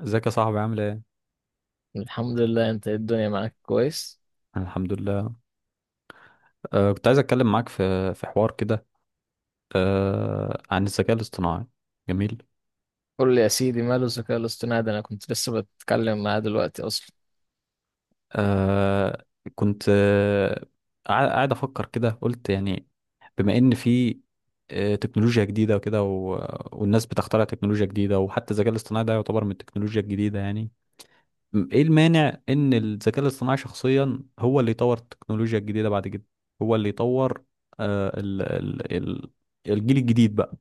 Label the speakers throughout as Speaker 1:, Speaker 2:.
Speaker 1: ازيك يا صاحبي، عامل ايه؟
Speaker 2: الحمد لله، انت ايه؟ الدنيا معاك كويس؟
Speaker 1: أنا الحمد لله. كنت عايز اتكلم معاك في حوار كده، عن الذكاء الاصطناعي. جميل.
Speaker 2: قول لي يا سيدي، ماله الذكاء الاصطناعي ده؟ انا كنت لسه بتكلم معاه دلوقتي اصلا.
Speaker 1: أه كنت، قاعد افكر كده، قلت يعني بما ان في تكنولوجيا جديده وكده، والناس بتخترع تكنولوجيا جديده، وحتى الذكاء الاصطناعي ده يعتبر من التكنولوجيا الجديده يعني. ايه المانع ان الذكاء الاصطناعي شخصيا هو اللي يطور التكنولوجيا الجديده بعد كده؟ هو اللي يطور أه ال ال ال الجيل الجديد بقى.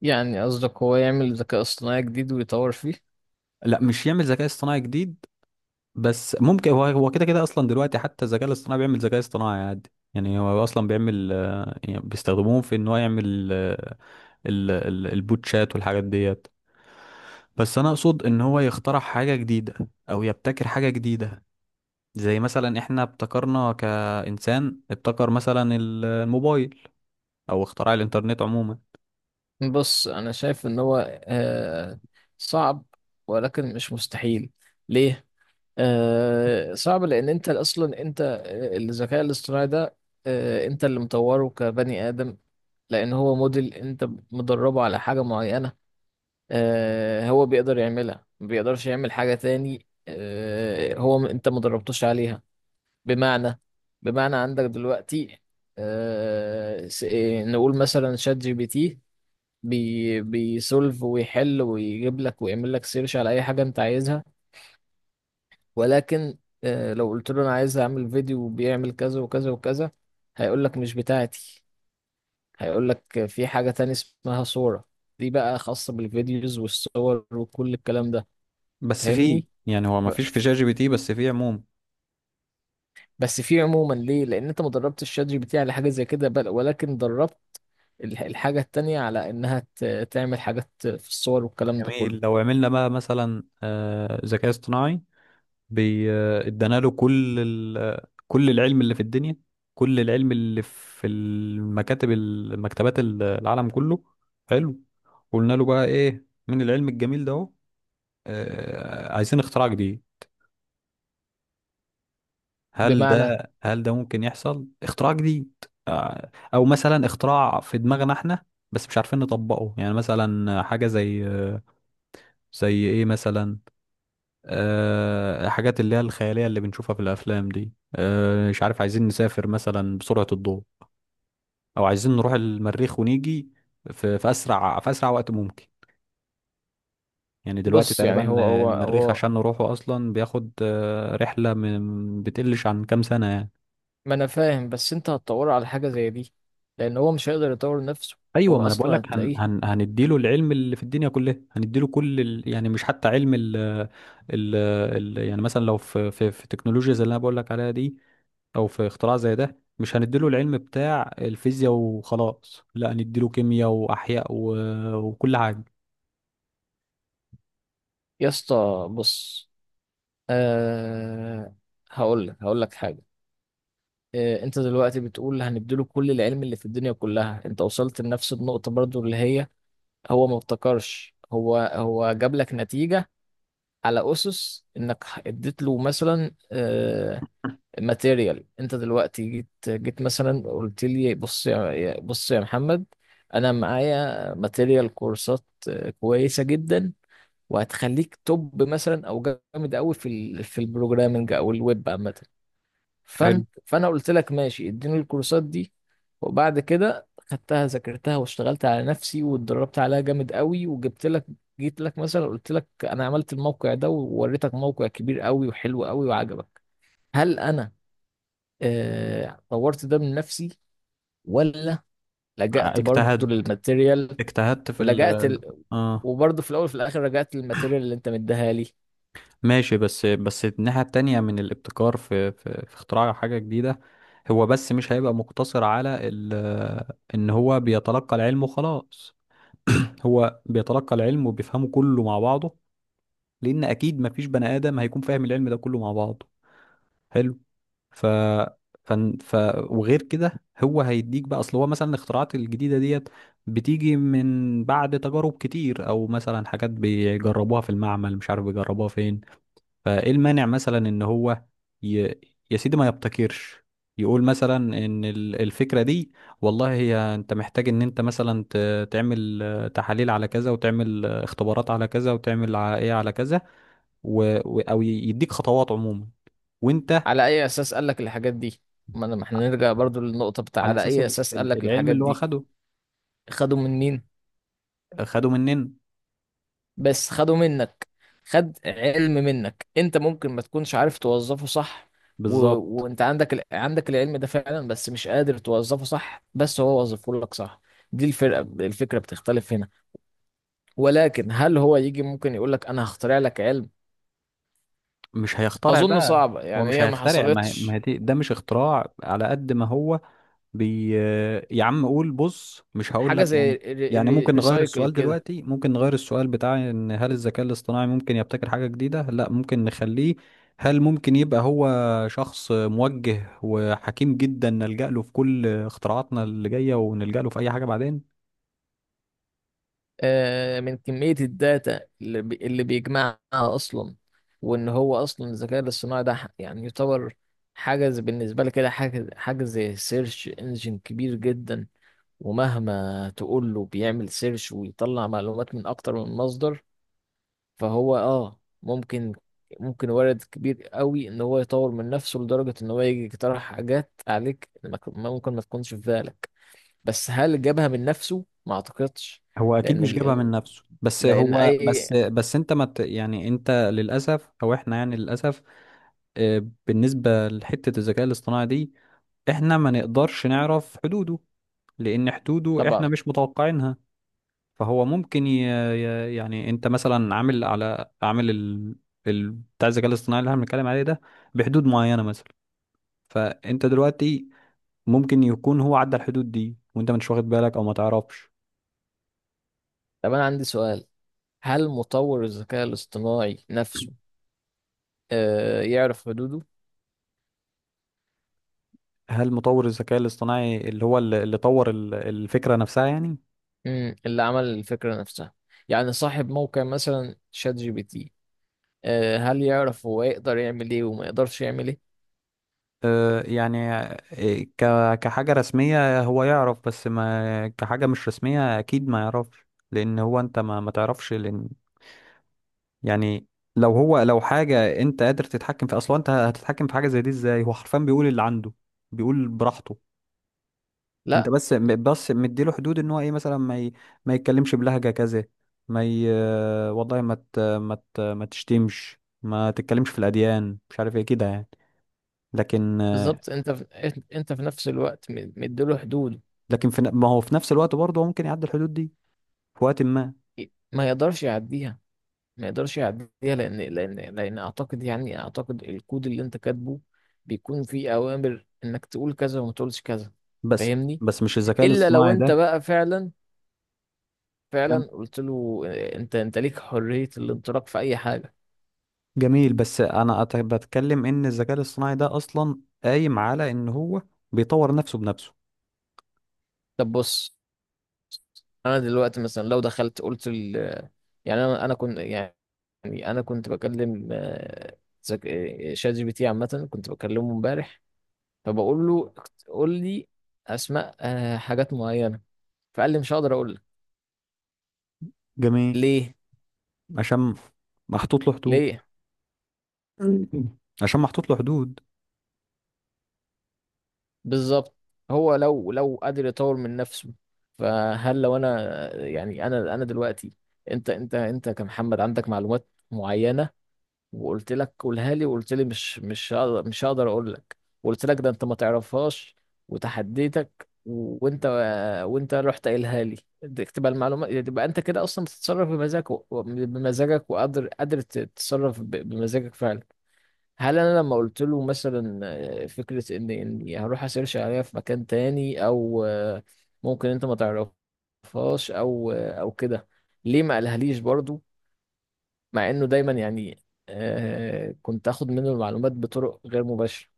Speaker 2: يعني قصدك هو يعمل ذكاء اصطناعي جديد ويطور فيه؟
Speaker 1: لا، مش يعمل ذكاء اصطناعي جديد، بس ممكن هو كده كده اصلا. دلوقتي حتى الذكاء الاصطناعي بيعمل ذكاء اصطناعي عادي يعني. هو اصلا بيعمل، يعني بيستخدموه في ان هو يعمل، البوتشات والحاجات ديت. بس انا اقصد ان هو يخترع حاجة جديدة، او يبتكر حاجة جديدة، زي مثلا احنا ابتكرنا كإنسان، ابتكر مثلا الموبايل، او اختراع الانترنت عموما.
Speaker 2: بص، انا شايف ان هو آه صعب ولكن مش مستحيل. ليه؟ صعب لان انت اصلا انت آه، الذكاء الاصطناعي ده انت اللي مطوره كبني ادم. لان هو موديل انت مدربه على حاجه معينه. هو بيقدر يعملها، ما بيقدرش يعمل حاجة تاني هو انت ما دربتوش عليها. بمعنى، بمعنى عندك دلوقتي آه، س- إيه، نقول مثلا شات جي بي تي بيسولف ويحل ويجيب لك ويعمل لك سيرش على اي حاجة انت عايزها. ولكن لو قلت له انا عايز اعمل فيديو بيعمل كذا وكذا وكذا، هيقول لك مش بتاعتي. هيقول لك في حاجة تاني اسمها صورة. دي بقى خاصة بالفيديوز والصور وكل الكلام ده.
Speaker 1: بس في
Speaker 2: فاهمني؟
Speaker 1: يعني، هو ما فيش في
Speaker 2: ف-
Speaker 1: شات جي بي تي، بس في عموما.
Speaker 2: بس في عموما ليه؟ لان انت ما دربتش الشات جي بي تي على حاجه زي كده، بل ولكن دربت الحاجه التانية على انها تعمل حاجات في الصور والكلام ده
Speaker 1: جميل. لو
Speaker 2: كله.
Speaker 1: عملنا بقى مثلا ذكاء اصطناعي، بي- ادانا له كل ال... كل العلم اللي في الدنيا، كل العلم اللي في المكتبات، العالم كله. حلو. قلنا له بقى، ايه، من العلم الجميل ده اهو، عايزين اختراع جديد. هل
Speaker 2: بمعنى،
Speaker 1: ده هل ده ممكن يحصل اختراع جديد؟ او مثلا اختراع في دماغنا احنا بس مش عارفين نطبقه، يعني مثلا حاجة زي، زي ايه مثلا؟ حاجات اللي هي الخيالية اللي بنشوفها في الأفلام دي. مش عارف، عايزين نسافر مثلا بسرعة الضوء، أو عايزين نروح المريخ ونيجي في أسرع وقت ممكن. يعني دلوقتي
Speaker 2: بص يعني
Speaker 1: تقريبا،
Speaker 2: هو هو
Speaker 1: المريخ
Speaker 2: هو
Speaker 1: عشان نروحه أصلا بياخد رحلة من بتقلش عن كام سنة يعني.
Speaker 2: ما انا فاهم، بس انت هتطور على حاجه زي دي لان هو مش هيقدر يطور نفسه.
Speaker 1: أيوة،
Speaker 2: هو
Speaker 1: ما أنا بقول
Speaker 2: اصلا
Speaker 1: لك، هن
Speaker 2: هتلاقيه.
Speaker 1: هن هنديله العلم اللي في الدنيا كلها، هنديله كل ال، يعني مش حتى علم ال، يعني مثلا لو في تكنولوجيا زي اللي أنا بقول لك عليها دي، او في اختراع زي ده، مش هنديله العلم بتاع الفيزياء وخلاص، لا، نديله كيمياء واحياء، وكل حاجه.
Speaker 2: يا اسطى بص، أه هقول لك، هقول لك حاجه. أه انت دلوقتي بتقول هنديله كل العلم اللي في الدنيا كلها، انت وصلت لنفس النقطه برضو اللي هي هو ما ابتكرش. هو جاب لك نتيجة على أسس إنك اديت له مثلا ماتيريال. أنت دلوقتي جيت مثلا قلت لي بص يا، بص يا محمد، أنا معايا ماتيريال كورسات كويسة جدا وهتخليك توب مثلا، أو جامد أوي في في البروجرامنج أو الويب عامة.
Speaker 1: حلو.
Speaker 2: فانا قلت لك ماشي، اديني الكورسات دي. وبعد كده خدتها، ذاكرتها واشتغلت على نفسي واتدربت عليها جامد قوي وجبت لك، جيت لك مثلا قلت لك انا عملت الموقع ده ووريتك موقع كبير قوي وحلو قوي وعجبك. هل انا طورت ده من نفسي ولا لجأت برضو
Speaker 1: اجتهد،
Speaker 2: للماتيريال؟
Speaker 1: اجتهدت في ال.
Speaker 2: ولجأت ال...
Speaker 1: اه.
Speaker 2: وبرضو في الاول وفي الاخر رجعت للماتيريال اللي انت مديها لي.
Speaker 1: ماشي، بس بس الناحيه التانية من الابتكار، في اختراع حاجه جديده، هو بس مش هيبقى مقتصر على ان هو بيتلقى العلم وخلاص. هو بيتلقى العلم وبيفهمه كله مع بعضه، لان اكيد مفيش بني ادم هيكون فاهم العلم ده كله مع بعضه. حلو. ف ف, ف... وغير كده، هو هيديك بقى. اصل هو مثلا الاختراعات الجديده ديت بتيجي من بعد تجارب كتير، او مثلا حاجات بيجربوها في المعمل، مش عارف بيجربوها فين. فايه المانع مثلا ان هو، ي... يا سيدي، ما يبتكرش؟ يقول مثلا ان الفكره دي، والله هي انت محتاج ان انت مثلا تعمل تحاليل على كذا، وتعمل اختبارات على كذا، وتعمل ايه على كذا، او يديك خطوات عموما، وانت.
Speaker 2: على اي اساس قال لك الحاجات دي؟ ما احنا نرجع برضو للنقطة بتاع
Speaker 1: على
Speaker 2: على
Speaker 1: اساس
Speaker 2: اي اساس قال لك
Speaker 1: العلم
Speaker 2: الحاجات
Speaker 1: اللي هو
Speaker 2: دي.
Speaker 1: خده.
Speaker 2: خدوا من مين؟
Speaker 1: خده مننا.
Speaker 2: بس خدوا منك. خد علم منك، انت ممكن ما تكونش عارف توظفه صح. و...
Speaker 1: بالظبط.
Speaker 2: وانت عندك عندك العلم ده فعلا بس مش قادر توظفه صح، بس هو وظفه لك صح. دي الفرقة. الفكرة بتختلف هنا. ولكن هل هو يجي ممكن يقول لك انا هخترع لك علم؟
Speaker 1: مش هيخترع
Speaker 2: اظن
Speaker 1: بقى.
Speaker 2: صعبة
Speaker 1: هو
Speaker 2: يعني،
Speaker 1: مش
Speaker 2: هي ما
Speaker 1: هيخترع، ما هي- ما هي
Speaker 2: حصلتش.
Speaker 1: دي- ده مش اختراع على قد ما هو بي يا عم قول بص. مش هقول
Speaker 2: حاجة
Speaker 1: لك
Speaker 2: زي
Speaker 1: يعني. يعني ممكن نغير
Speaker 2: الريسايكل
Speaker 1: السؤال
Speaker 2: كده.
Speaker 1: دلوقتي، ممكن نغير السؤال بتاع ان، هل الذكاء الاصطناعي ممكن يبتكر حاجة جديدة؟ لا، ممكن نخليه. هل ممكن يبقى هو شخص موجه وحكيم جدا نلجأ له في كل اختراعاتنا اللي جاية، ونلجأ له في اي حاجة بعدين؟
Speaker 2: من كمية الداتا اللي بيجمعها أصلا. وإن هو أصلا الذكاء الاصطناعي ده يعني يعتبر حاجة بالنسبة لي كده، حاجة زي سيرش انجن كبير جدا، ومهما تقول له بيعمل سيرش ويطلع معلومات من أكتر من مصدر. فهو آه ممكن، ممكن وارد كبير قوي إن هو يطور من نفسه لدرجة إن هو يجي يقترح حاجات عليك ما ك- ممكن ما تكونش في بالك. بس هل جابها من نفسه؟ ما أعتقدش.
Speaker 1: هو اكيد مش جابها
Speaker 2: لأن،
Speaker 1: من نفسه، بس
Speaker 2: لأن
Speaker 1: هو،
Speaker 2: أي
Speaker 1: بس بس انت، ما ت- يعني انت للاسف، او احنا يعني للاسف، بالنسبه لحته الذكاء الاصطناعي دي، احنا ما نقدرش نعرف حدوده، لان حدوده احنا
Speaker 2: طبعا.
Speaker 1: مش متوقعينها. فهو ممكن، يعني انت مثلا عامل، على عامل بتاع الذكاء الاصطناعي اللي احنا بنتكلم عليه ده، بحدود معينه مثلا. فانت دلوقتي ممكن يكون هو عدى الحدود دي وانت مش واخد بالك، او ما تعرفش.
Speaker 2: طب أنا عندي سؤال، هل مطور الذكاء الاصطناعي نفسه آه يعرف حدوده؟
Speaker 1: هل مطور الذكاء الاصطناعي اللي هو، اللي طور الفكرة نفسها يعني؟
Speaker 2: مم. اللي عمل الفكرة نفسها، يعني صاحب موقع مثلا شات جي بي تي، آه هل يعرف هو يقدر يعمل إيه وما يقدرش يعمل إيه؟
Speaker 1: يعني كحاجة رسمية هو يعرف، بس ما كحاجة مش رسمية أكيد ما يعرفش. لأن هو، أنت ما تعرفش، لأن يعني لو هو، لو حاجة أنت قادر تتحكم في، أصلا أنت هتتحكم في حاجة زي دي إزاي؟ هو حرفيا بيقول اللي عنده، بيقول براحته. انت
Speaker 2: لا.
Speaker 1: بس، بس مديله حدود ان هو، ايه، مثلا ما يتكلمش بلهجة كذا، ما ي... والله ما تشتمش، ما تتكلمش في الأديان، مش عارف ايه كده يعني. لكن
Speaker 2: بالظبط. أنت في نفس الوقت مديله حدود.
Speaker 1: لكن ما هو في نفس الوقت برضه هو ممكن يعدي الحدود دي في وقت ما.
Speaker 2: ما يقدرش يعديها، ما يقدرش يعديها. لأن أعتقد يعني، أعتقد الكود اللي أنت كاتبه بيكون فيه أوامر إنك تقول كذا وما تقولش كذا.
Speaker 1: بس
Speaker 2: فاهمني؟
Speaker 1: بس مش الذكاء
Speaker 2: الا لو
Speaker 1: الاصطناعي
Speaker 2: انت
Speaker 1: ده،
Speaker 2: بقى فعلا، فعلا
Speaker 1: كان.
Speaker 2: قلت له انت ليك حرية الانطلاق في اي حاجة.
Speaker 1: جميل. بس انا بتكلم ان الذكاء الاصطناعي ده اصلا قايم على ان هو بيطور نفسه بنفسه.
Speaker 2: طب بص، انا دلوقتي مثلا لو دخلت قلت يعني انا كنت يعني، انا كنت بكلم آه، ذك... آه، شات جي بي تي عامة، كنت بكلمه امبارح. فبقول له قول لي اسماء حاجات معينة. فقال لي مش هقدر اقول لك.
Speaker 1: جميل.
Speaker 2: ليه؟
Speaker 1: عشان محطوط له حدود.
Speaker 2: ليه؟
Speaker 1: عشان محطوط له حدود.
Speaker 2: بالظبط. هو لو، لو قادر يطور من نفسه، فهل لو انا، يعني انا دلوقتي، انت كمحمد عندك معلومات معينه، وقلت لك قولها لي وقلت لي مش هقدر، مش هقدر اقول لك، وقلت لك ده انت ما تعرفهاش وتحديتك وانت، وانت رحت قايلها لي، دي تبقى المعلومات، تبقى انت كده اصلا بتتصرف بمزاجك بمزاجك، وقادر، قادر تتصرف بمزاجك فعلا. هل انا لما قلت له مثلا فكره ان اني هروح اسيرش عليها في مكان تاني او ممكن انت ما تعرفهاش او او كده، ليه ما قالهاليش برضو؟ مع انه دايما يعني كنت اخد منه المعلومات بطرق غير مباشره.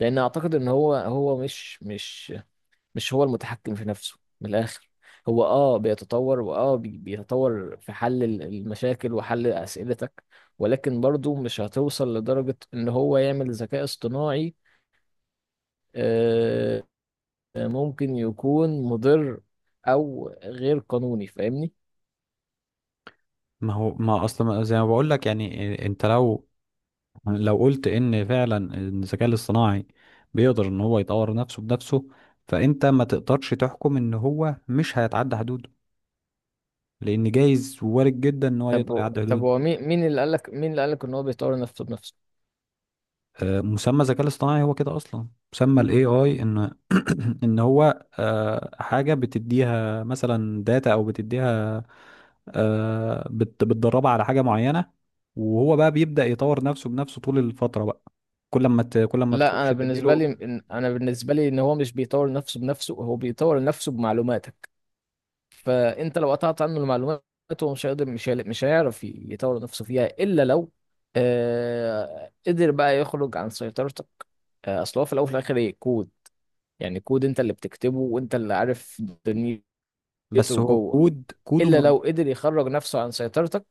Speaker 2: لان اعتقد ان هو مش هو المتحكم في نفسه من الآخر. هو اه بيتطور، بيتطور في حل المشاكل وحل أسئلتك. ولكن برضو مش هتوصل لدرجة ان هو يعمل ذكاء اصطناعي آه، ممكن يكون مضر او غير قانوني. فاهمني؟
Speaker 1: ما هو، ما اصلا زي ما بقول لك يعني، انت لو، لو قلت ان فعلا إن الذكاء الاصطناعي بيقدر ان هو يطور نفسه بنفسه، فانت ما تقدرش تحكم ان هو مش هيتعدى حدوده، لان جايز وارد جدا ان هو يقدر
Speaker 2: طب
Speaker 1: يعدي
Speaker 2: طب
Speaker 1: حدوده.
Speaker 2: هو، مين اللي قالك، مين اللي قالك ان هو بيطور نفسه بنفسه؟
Speaker 1: مسمى الذكاء الاصطناعي هو كده اصلا. مسمى الاي اي ان، ان هو حاجه بتديها مثلا داتا، او بتديها بتدربه على حاجة معينة، وهو بقى بيبدأ يطور نفسه بنفسه طول الفترة بقى، كل ما
Speaker 2: لا،
Speaker 1: تخش
Speaker 2: انا بالنسبه
Speaker 1: تديله.
Speaker 2: لي، انا بالنسبه لي ان هو مش بيطور نفسه بنفسه، هو بيطور نفسه بمعلوماتك. فانت لو قطعت عنه المعلومات، هو مش هيقدر مش هي- مش هيعرف يطور نفسه فيها، الا لو آه قدر بقى يخرج عن سيطرتك. آه، اصل هو في الاول وفي الاخر ايه؟ كود. يعني كود انت اللي بتكتبه وانت اللي عارف دنيته
Speaker 1: بس هو
Speaker 2: جوه.
Speaker 1: كود، كوده
Speaker 2: الا لو
Speaker 1: مربوط.
Speaker 2: قدر يخرج نفسه عن سيطرتك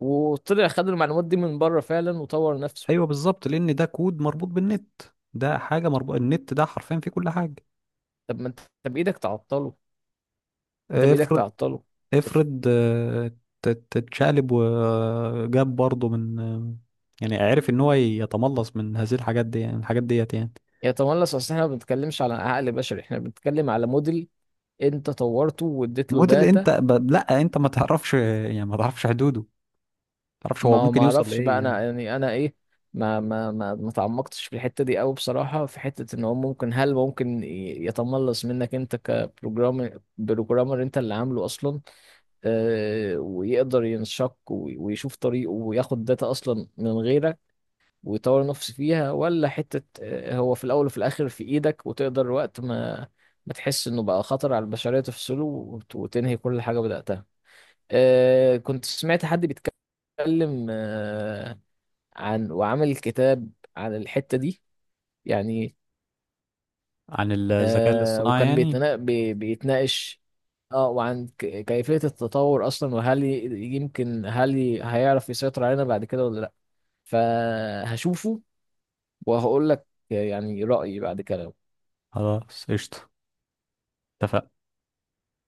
Speaker 2: وطلع خد المعلومات دي من بره فعلا وطور نفسه.
Speaker 1: ايوه بالظبط. لان ده كود مربوط بالنت. ده حاجة مربوط النت، ده حرفيا فيه كل حاجة.
Speaker 2: طب ما انت، أنت بايدك تعطله، انت بايدك
Speaker 1: افرض،
Speaker 2: تعطله. وطف-
Speaker 1: افرض تتشقلب، وجاب برضه من، يعني عرف ان هو يتملص من هذه الحاجات دي، يعني الحاجات ديت يعني.
Speaker 2: يتملص؟ اصل احنا ما بنتكلمش على عقل بشري، احنا بنتكلم على موديل انت طورته واديت له
Speaker 1: موديل انت
Speaker 2: داتا.
Speaker 1: لا، انت ما تعرفش يعني، ما تعرفش حدوده، ما تعرفش
Speaker 2: ما
Speaker 1: هو
Speaker 2: هو ما
Speaker 1: ممكن يوصل
Speaker 2: اعرفش
Speaker 1: لايه
Speaker 2: بقى انا،
Speaker 1: يعني.
Speaker 2: يعني انا ايه، ما تعمقتش في الحته دي قوي بصراحه، في حته ان هو ممكن، هل ممكن يتملص منك انت كبروجرامر، بروجرامر انت اللي عامله اصلا. آه، ويقدر ينشق ويشوف طريقه وياخد داتا اصلا من غيرك ويطور نفسه فيها، ولا حته آه هو في الاول وفي الاخر في ايدك وتقدر وقت ما ما تحس انه بقى خطر على البشريه تفصله وتنهي كل حاجه بداتها. آه كنت سمعت حد بيتكلم عن، وعمل كتاب عن الحتة دي يعني.
Speaker 1: عن الذكاء
Speaker 2: آه
Speaker 1: الاصطناعي
Speaker 2: وكان
Speaker 1: يعني.
Speaker 2: بيتنا، بيتناقش اه وعن كيفية التطور أصلا، وهل يمكن، هل هيعرف يسيطر علينا بعد كده ولا لأ. فهشوفه وهقول لك يعني رأيي بعد كده.
Speaker 1: خلاص قشطة. اتفقنا.